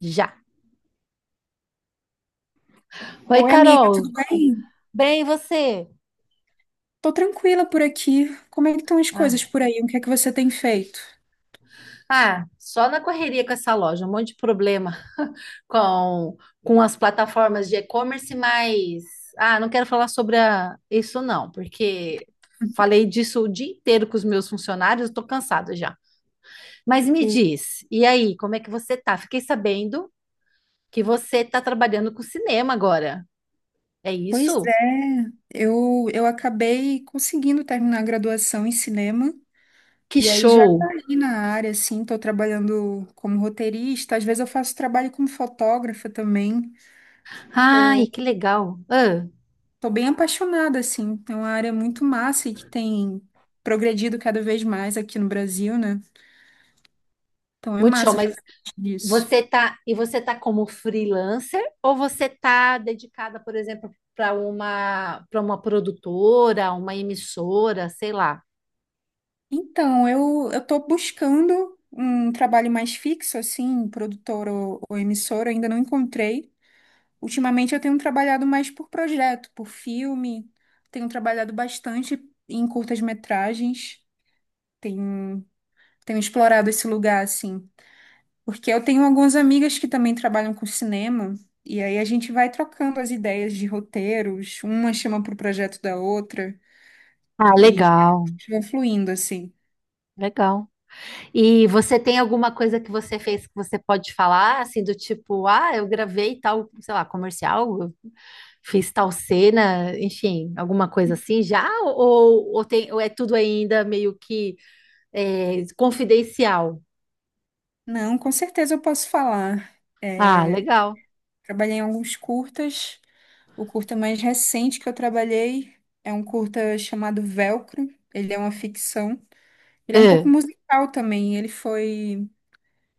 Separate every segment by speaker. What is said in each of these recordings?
Speaker 1: Já. Oi,
Speaker 2: Oi, amigo.
Speaker 1: Carol.
Speaker 2: Tudo bem?
Speaker 1: Bem, e você?
Speaker 2: Tô tranquila por aqui. Como é que estão as
Speaker 1: Ah,
Speaker 2: coisas por aí? O que é que você tem feito?
Speaker 1: Só na correria com essa loja, um monte de problema com, com as plataformas de e-commerce, mas não quero falar sobre isso não, porque falei disso o dia inteiro com os meus funcionários, estou cansada já. Mas me
Speaker 2: E-
Speaker 1: diz, e aí, como é que você tá? Fiquei sabendo que você está trabalhando com cinema agora. É
Speaker 2: Pois é,
Speaker 1: isso?
Speaker 2: eu acabei conseguindo terminar a graduação em cinema
Speaker 1: Que
Speaker 2: e aí já
Speaker 1: show!
Speaker 2: caí na área, assim, tô trabalhando como roteirista, às vezes eu faço trabalho como fotógrafa também.
Speaker 1: Ai,
Speaker 2: Tô,
Speaker 1: que legal!
Speaker 2: tô bem apaixonada, assim, é uma área muito massa e que tem progredido cada vez mais aqui no Brasil, né? Então é
Speaker 1: Muito show,
Speaker 2: massa
Speaker 1: mas
Speaker 2: fazer parte disso.
Speaker 1: E você tá como freelancer ou você tá dedicada, por exemplo, para uma produtora, uma emissora, sei lá.
Speaker 2: Então, eu estou buscando um trabalho mais fixo, assim, produtor ou emissora, ainda não encontrei. Ultimamente eu tenho trabalhado mais por projeto, por filme, tenho trabalhado bastante em curtas-metragens, tenho, tenho explorado esse lugar, assim, porque eu tenho algumas amigas que também trabalham com cinema, e aí a gente vai trocando as ideias de roteiros, uma chama para o projeto da outra,
Speaker 1: Ah,
Speaker 2: e a
Speaker 1: legal,
Speaker 2: gente vai fluindo, assim.
Speaker 1: legal. E você tem alguma coisa que você fez que você pode falar, assim, do tipo, ah, eu gravei tal, sei lá, comercial, eu fiz tal cena, enfim, alguma coisa assim já? Ou é tudo ainda meio que confidencial?
Speaker 2: Não, com certeza eu posso falar.
Speaker 1: Ah,
Speaker 2: É,
Speaker 1: legal.
Speaker 2: trabalhei em alguns curtas. O curta mais recente que eu trabalhei é um curta chamado Velcro. Ele é uma ficção. Ele é um pouco
Speaker 1: É.
Speaker 2: musical também.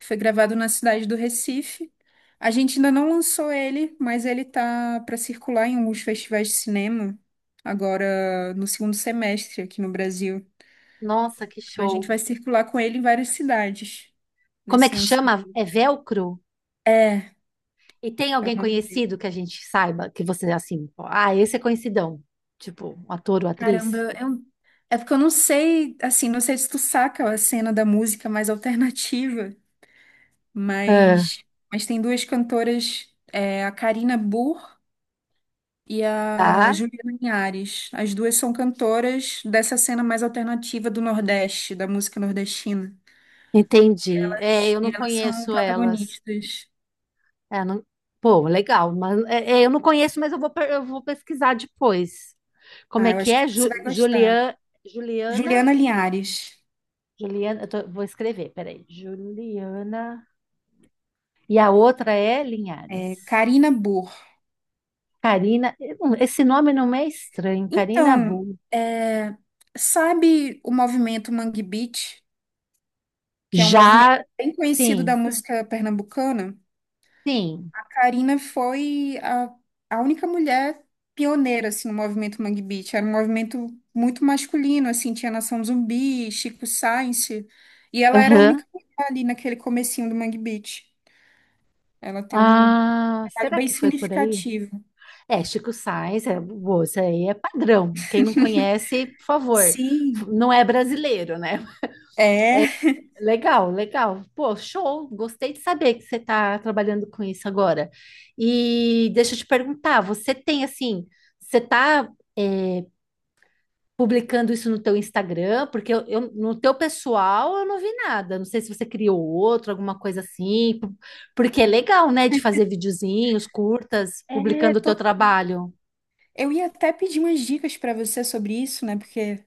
Speaker 2: Foi gravado na cidade do Recife. A gente ainda não lançou ele, mas ele tá para circular em alguns festivais de cinema agora no segundo semestre aqui no Brasil.
Speaker 1: Nossa, que
Speaker 2: A gente
Speaker 1: show.
Speaker 2: vai circular com ele em várias cidades
Speaker 1: Como é
Speaker 2: nesse
Speaker 1: que chama?
Speaker 2: lançamento.
Speaker 1: É velcro?
Speaker 2: É.
Speaker 1: E tem
Speaker 2: é
Speaker 1: alguém
Speaker 2: uma
Speaker 1: conhecido que a gente saiba que você assim, ó, ah, esse é conhecidão, tipo, um ator ou atriz?
Speaker 2: Caramba, é porque eu não sei, assim, não sei se tu saca a cena da música mais alternativa,
Speaker 1: Ah,
Speaker 2: mas, mas tem duas cantoras, é, a Karina Burr e a
Speaker 1: tá,
Speaker 2: Juliana Linhares. As duas são cantoras dessa cena mais alternativa do Nordeste, da música nordestina.
Speaker 1: entendi. É, eu
Speaker 2: E
Speaker 1: não
Speaker 2: elas são
Speaker 1: conheço elas.
Speaker 2: protagonistas.
Speaker 1: É, não... Pô, legal, mas eu não conheço, mas eu vou, eu vou pesquisar depois. Como
Speaker 2: Ah,
Speaker 1: é
Speaker 2: eu
Speaker 1: que
Speaker 2: acho que
Speaker 1: é?
Speaker 2: você vai gostar.
Speaker 1: Julian, Juliana?
Speaker 2: Juliana Linhares,
Speaker 1: Juliana, vou escrever, peraí. Juliana. E a outra é Linhares.
Speaker 2: é, Karina Burr.
Speaker 1: Carina, eu não- esse nome não me é estranho, Carina.
Speaker 2: Então, é, sabe o movimento Mangue Beat? Que é um movimento
Speaker 1: Já,
Speaker 2: bem conhecido da
Speaker 1: sim,
Speaker 2: música pernambucana.
Speaker 1: sim.
Speaker 2: A Karina foi a única mulher pioneira assim, no movimento Mangue Beat. Era um movimento muito masculino, assim, tinha Nação Zumbi, Chico Science, e ela era a
Speaker 1: Aham.
Speaker 2: única mulher ali naquele comecinho do Mangue Beat. Ela tem um
Speaker 1: Ah,
Speaker 2: trabalho
Speaker 1: será
Speaker 2: bem
Speaker 1: que foi por aí?
Speaker 2: significativo.
Speaker 1: É, Chico Sainz, é, pô, isso aí é padrão. Quem não conhece, por favor,
Speaker 2: Sim,
Speaker 1: não é brasileiro, né?
Speaker 2: é.
Speaker 1: Legal, legal. Pô, show. Gostei de saber que você está trabalhando com isso agora. E deixa eu te perguntar, você tem assim, você está publicando isso no teu Instagram, porque no teu pessoal eu não vi nada. Não sei se você criou outro, alguma coisa assim, porque é legal, né, de fazer videozinhos, curtas,
Speaker 2: É,
Speaker 1: publicando o teu trabalho.
Speaker 2: eu ia até pedir umas dicas para você sobre isso, né? Porque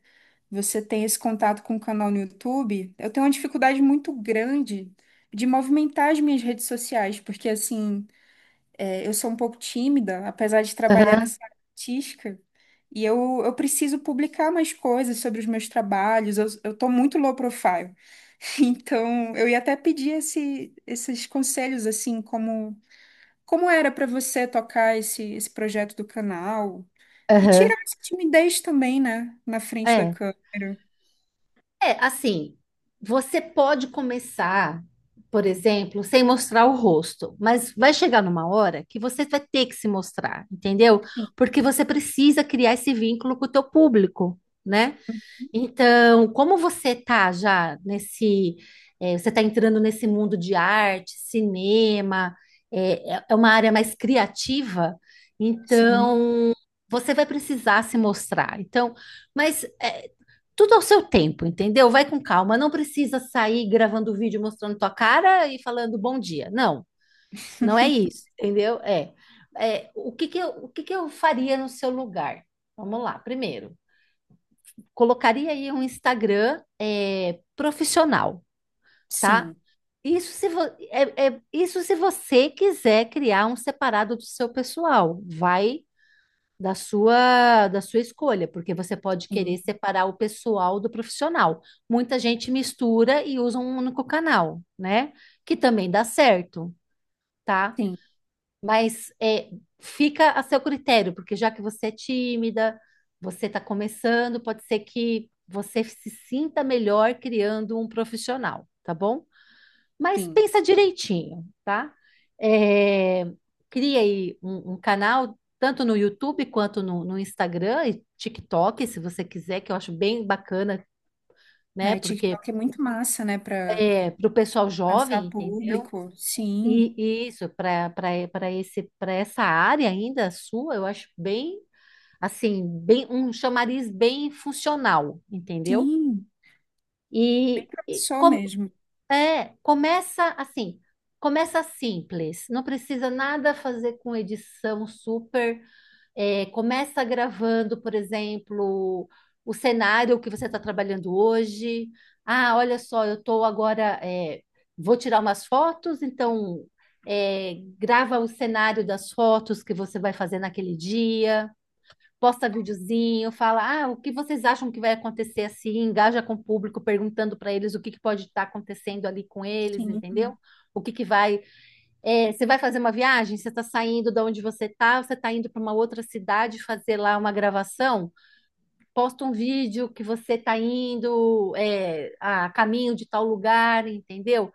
Speaker 2: você tem esse contato com o canal no YouTube, eu tenho uma dificuldade muito grande de movimentar as minhas redes sociais, porque assim, é, eu sou um pouco tímida, apesar de trabalhar
Speaker 1: Aham,
Speaker 2: nessa área artística, e eu preciso publicar mais coisas sobre os meus trabalhos, eu tô muito low profile. Então, eu ia até pedir esses conselhos, assim, como, como era para você tocar esse projeto do canal, e
Speaker 1: aham.
Speaker 2: tirar essa timidez também, né, na frente da
Speaker 1: É.
Speaker 2: câmera.
Speaker 1: É, assim, você pode começar, por exemplo, sem mostrar o rosto, mas vai chegar numa hora que você vai ter que se mostrar, entendeu? Porque você precisa criar esse vínculo com o teu público, né? Então, como você tá já nesse, você está entrando nesse mundo de arte, cinema, é uma área mais criativa,
Speaker 2: Sim,
Speaker 1: então você vai precisar se mostrar. Então, mas tudo ao seu tempo, entendeu? Vai com calma, não precisa sair gravando vídeo mostrando tua cara e falando bom dia. Não, não é isso, entendeu? É, é o que que eu, o que que eu faria no seu lugar? Vamos lá, primeiro colocaria aí um Instagram profissional, tá?
Speaker 2: sim,
Speaker 1: Isso se, vo- é- é- isso se você quiser criar um separado do seu pessoal, vai da sua escolha, porque você pode
Speaker 2: sim,
Speaker 1: querer separar o pessoal do profissional. Muita gente mistura e usa um único canal, né? Que também dá certo, tá?
Speaker 2: sim,
Speaker 1: Mas é, fica a seu critério, porque já que você é tímida, você está começando, pode ser que você se sinta melhor criando um profissional, tá bom? Mas
Speaker 2: sim.
Speaker 1: pensa direitinho, tá? É, cria aí um canal, tanto no YouTube quanto no Instagram e TikTok, se você quiser, que eu acho bem bacana, né?
Speaker 2: Ai,
Speaker 1: Porque
Speaker 2: TikTok é muito massa, né, para
Speaker 1: é para o pessoal jovem,
Speaker 2: alcançar
Speaker 1: entendeu?
Speaker 2: público.
Speaker 1: E
Speaker 2: Sim,
Speaker 1: e isso, para esse para essa área ainda sua, eu acho bem assim, bem um chamariz bem funcional, entendeu?
Speaker 2: sim, bem
Speaker 1: E, e
Speaker 2: promissor
Speaker 1: com-
Speaker 2: mesmo.
Speaker 1: começa assim, começa simples, não precisa nada fazer com edição super começa gravando, por exemplo, o cenário que você está trabalhando hoje. Ah, olha só, eu estou agora, vou tirar umas fotos, então grava o cenário das fotos que você vai fazer naquele dia, posta videozinho, fala, ah, o que vocês acham que vai acontecer assim? Engaja com o público, perguntando para eles o que que pode estar acontecendo ali com eles,
Speaker 2: Sim.
Speaker 1: entendeu? O que que vai você vai fazer uma viagem, você está saindo de onde você está indo para uma outra cidade fazer lá uma gravação, posta um vídeo que você está indo a caminho de tal lugar, entendeu?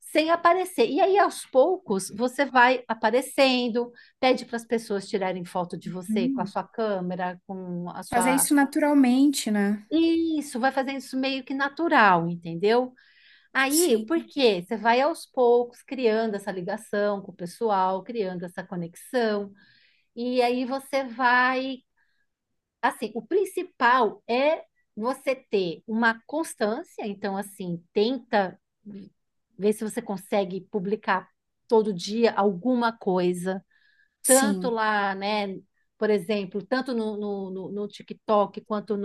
Speaker 1: Sem aparecer. E aí, aos poucos, você vai aparecendo, pede para as pessoas tirarem foto de você com a
Speaker 2: Hum.
Speaker 1: sua câmera, com a
Speaker 2: Fazer
Speaker 1: sua.
Speaker 2: isso naturalmente, né?
Speaker 1: Isso, vai fazendo isso meio que natural, entendeu? Aí, por
Speaker 2: Sim,
Speaker 1: quê? Você vai aos poucos criando essa ligação com o pessoal, criando essa conexão, e aí você vai, assim, o principal é você ter uma constância, então assim, tenta ver se você consegue publicar todo dia alguma coisa, tanto
Speaker 2: sim.
Speaker 1: lá, né, por exemplo, tanto no no TikTok quanto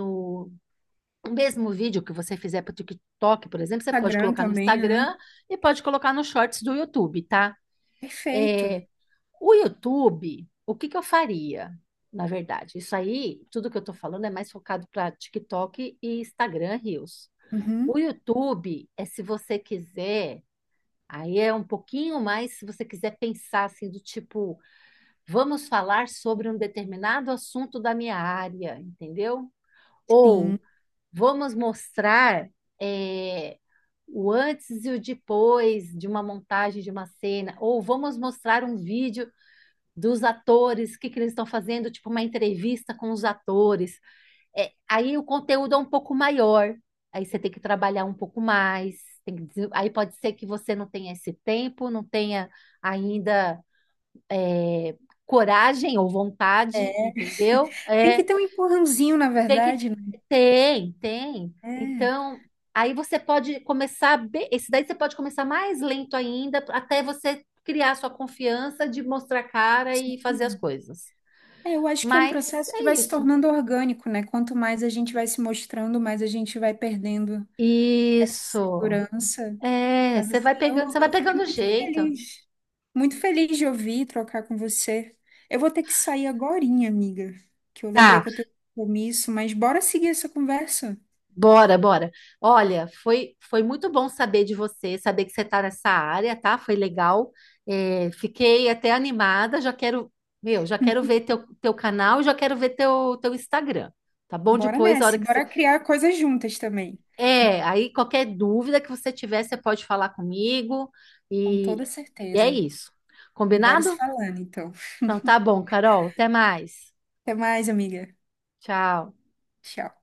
Speaker 1: o mesmo vídeo que você fizer para o TikTok, por exemplo, você pode
Speaker 2: Instagram
Speaker 1: colocar no
Speaker 2: também, né?
Speaker 1: Instagram e pode colocar nos shorts do YouTube, tá?
Speaker 2: Perfeito.
Speaker 1: É, o YouTube, o que que eu faria? Na verdade, isso aí, tudo que eu estou falando é mais focado para TikTok e Instagram Reels. O
Speaker 2: Uhum,
Speaker 1: YouTube é se você quiser, aí é um pouquinho mais se você quiser pensar assim do tipo, vamos falar sobre um determinado assunto da minha área, entendeu? Ou
Speaker 2: sim.
Speaker 1: vamos mostrar é, o antes e o depois de uma montagem de uma cena, ou vamos mostrar um vídeo dos atores, que eles estão fazendo, tipo uma entrevista com os atores. É, aí o conteúdo é um pouco maior, aí você tem que trabalhar um pouco mais. Aí pode ser que você não tenha esse tempo, não tenha ainda é, coragem ou vontade, entendeu?
Speaker 2: Tem que
Speaker 1: É,
Speaker 2: ter um empurrãozinho, na
Speaker 1: tem que.
Speaker 2: verdade, né?
Speaker 1: Tem, tem.
Speaker 2: É,
Speaker 1: Então, aí você pode começar. Esse daí você pode começar mais lento ainda, até você criar sua confiança de mostrar a cara
Speaker 2: sim.
Speaker 1: e fazer as coisas.
Speaker 2: É, eu acho que é um
Speaker 1: Mas
Speaker 2: processo que
Speaker 1: é
Speaker 2: vai se
Speaker 1: isso.
Speaker 2: tornando orgânico, né? Quanto mais a gente vai se mostrando, mais a gente vai perdendo essa
Speaker 1: Isso.
Speaker 2: segurança.
Speaker 1: É,
Speaker 2: Mas assim,
Speaker 1: você vai
Speaker 2: eu fiquei
Speaker 1: pegando
Speaker 2: muito
Speaker 1: jeito.
Speaker 2: feliz. Muito feliz de ouvir e trocar com você. Eu vou ter que sair agorinha, amiga, que eu lembrei
Speaker 1: Tá.
Speaker 2: que eu tenho um compromisso, mas bora seguir essa conversa.
Speaker 1: Bora, bora. Olha, foi, foi muito bom saber de você, saber que você está nessa área, tá? Foi legal. É, fiquei até animada, já quero, meu, já quero ver teu canal, já quero ver teu Instagram, tá bom?
Speaker 2: Bora
Speaker 1: Depois, a hora
Speaker 2: nessa, e
Speaker 1: que você...
Speaker 2: bora criar coisas juntas também.
Speaker 1: É, aí qualquer dúvida que você tiver, você pode falar comigo
Speaker 2: Com toda
Speaker 1: e, e é
Speaker 2: certeza.
Speaker 1: isso.
Speaker 2: Bora se
Speaker 1: Combinado?
Speaker 2: falando, então.
Speaker 1: Então tá bom, Carol. Até mais.
Speaker 2: Até mais, amiga.
Speaker 1: Tchau.
Speaker 2: Tchau.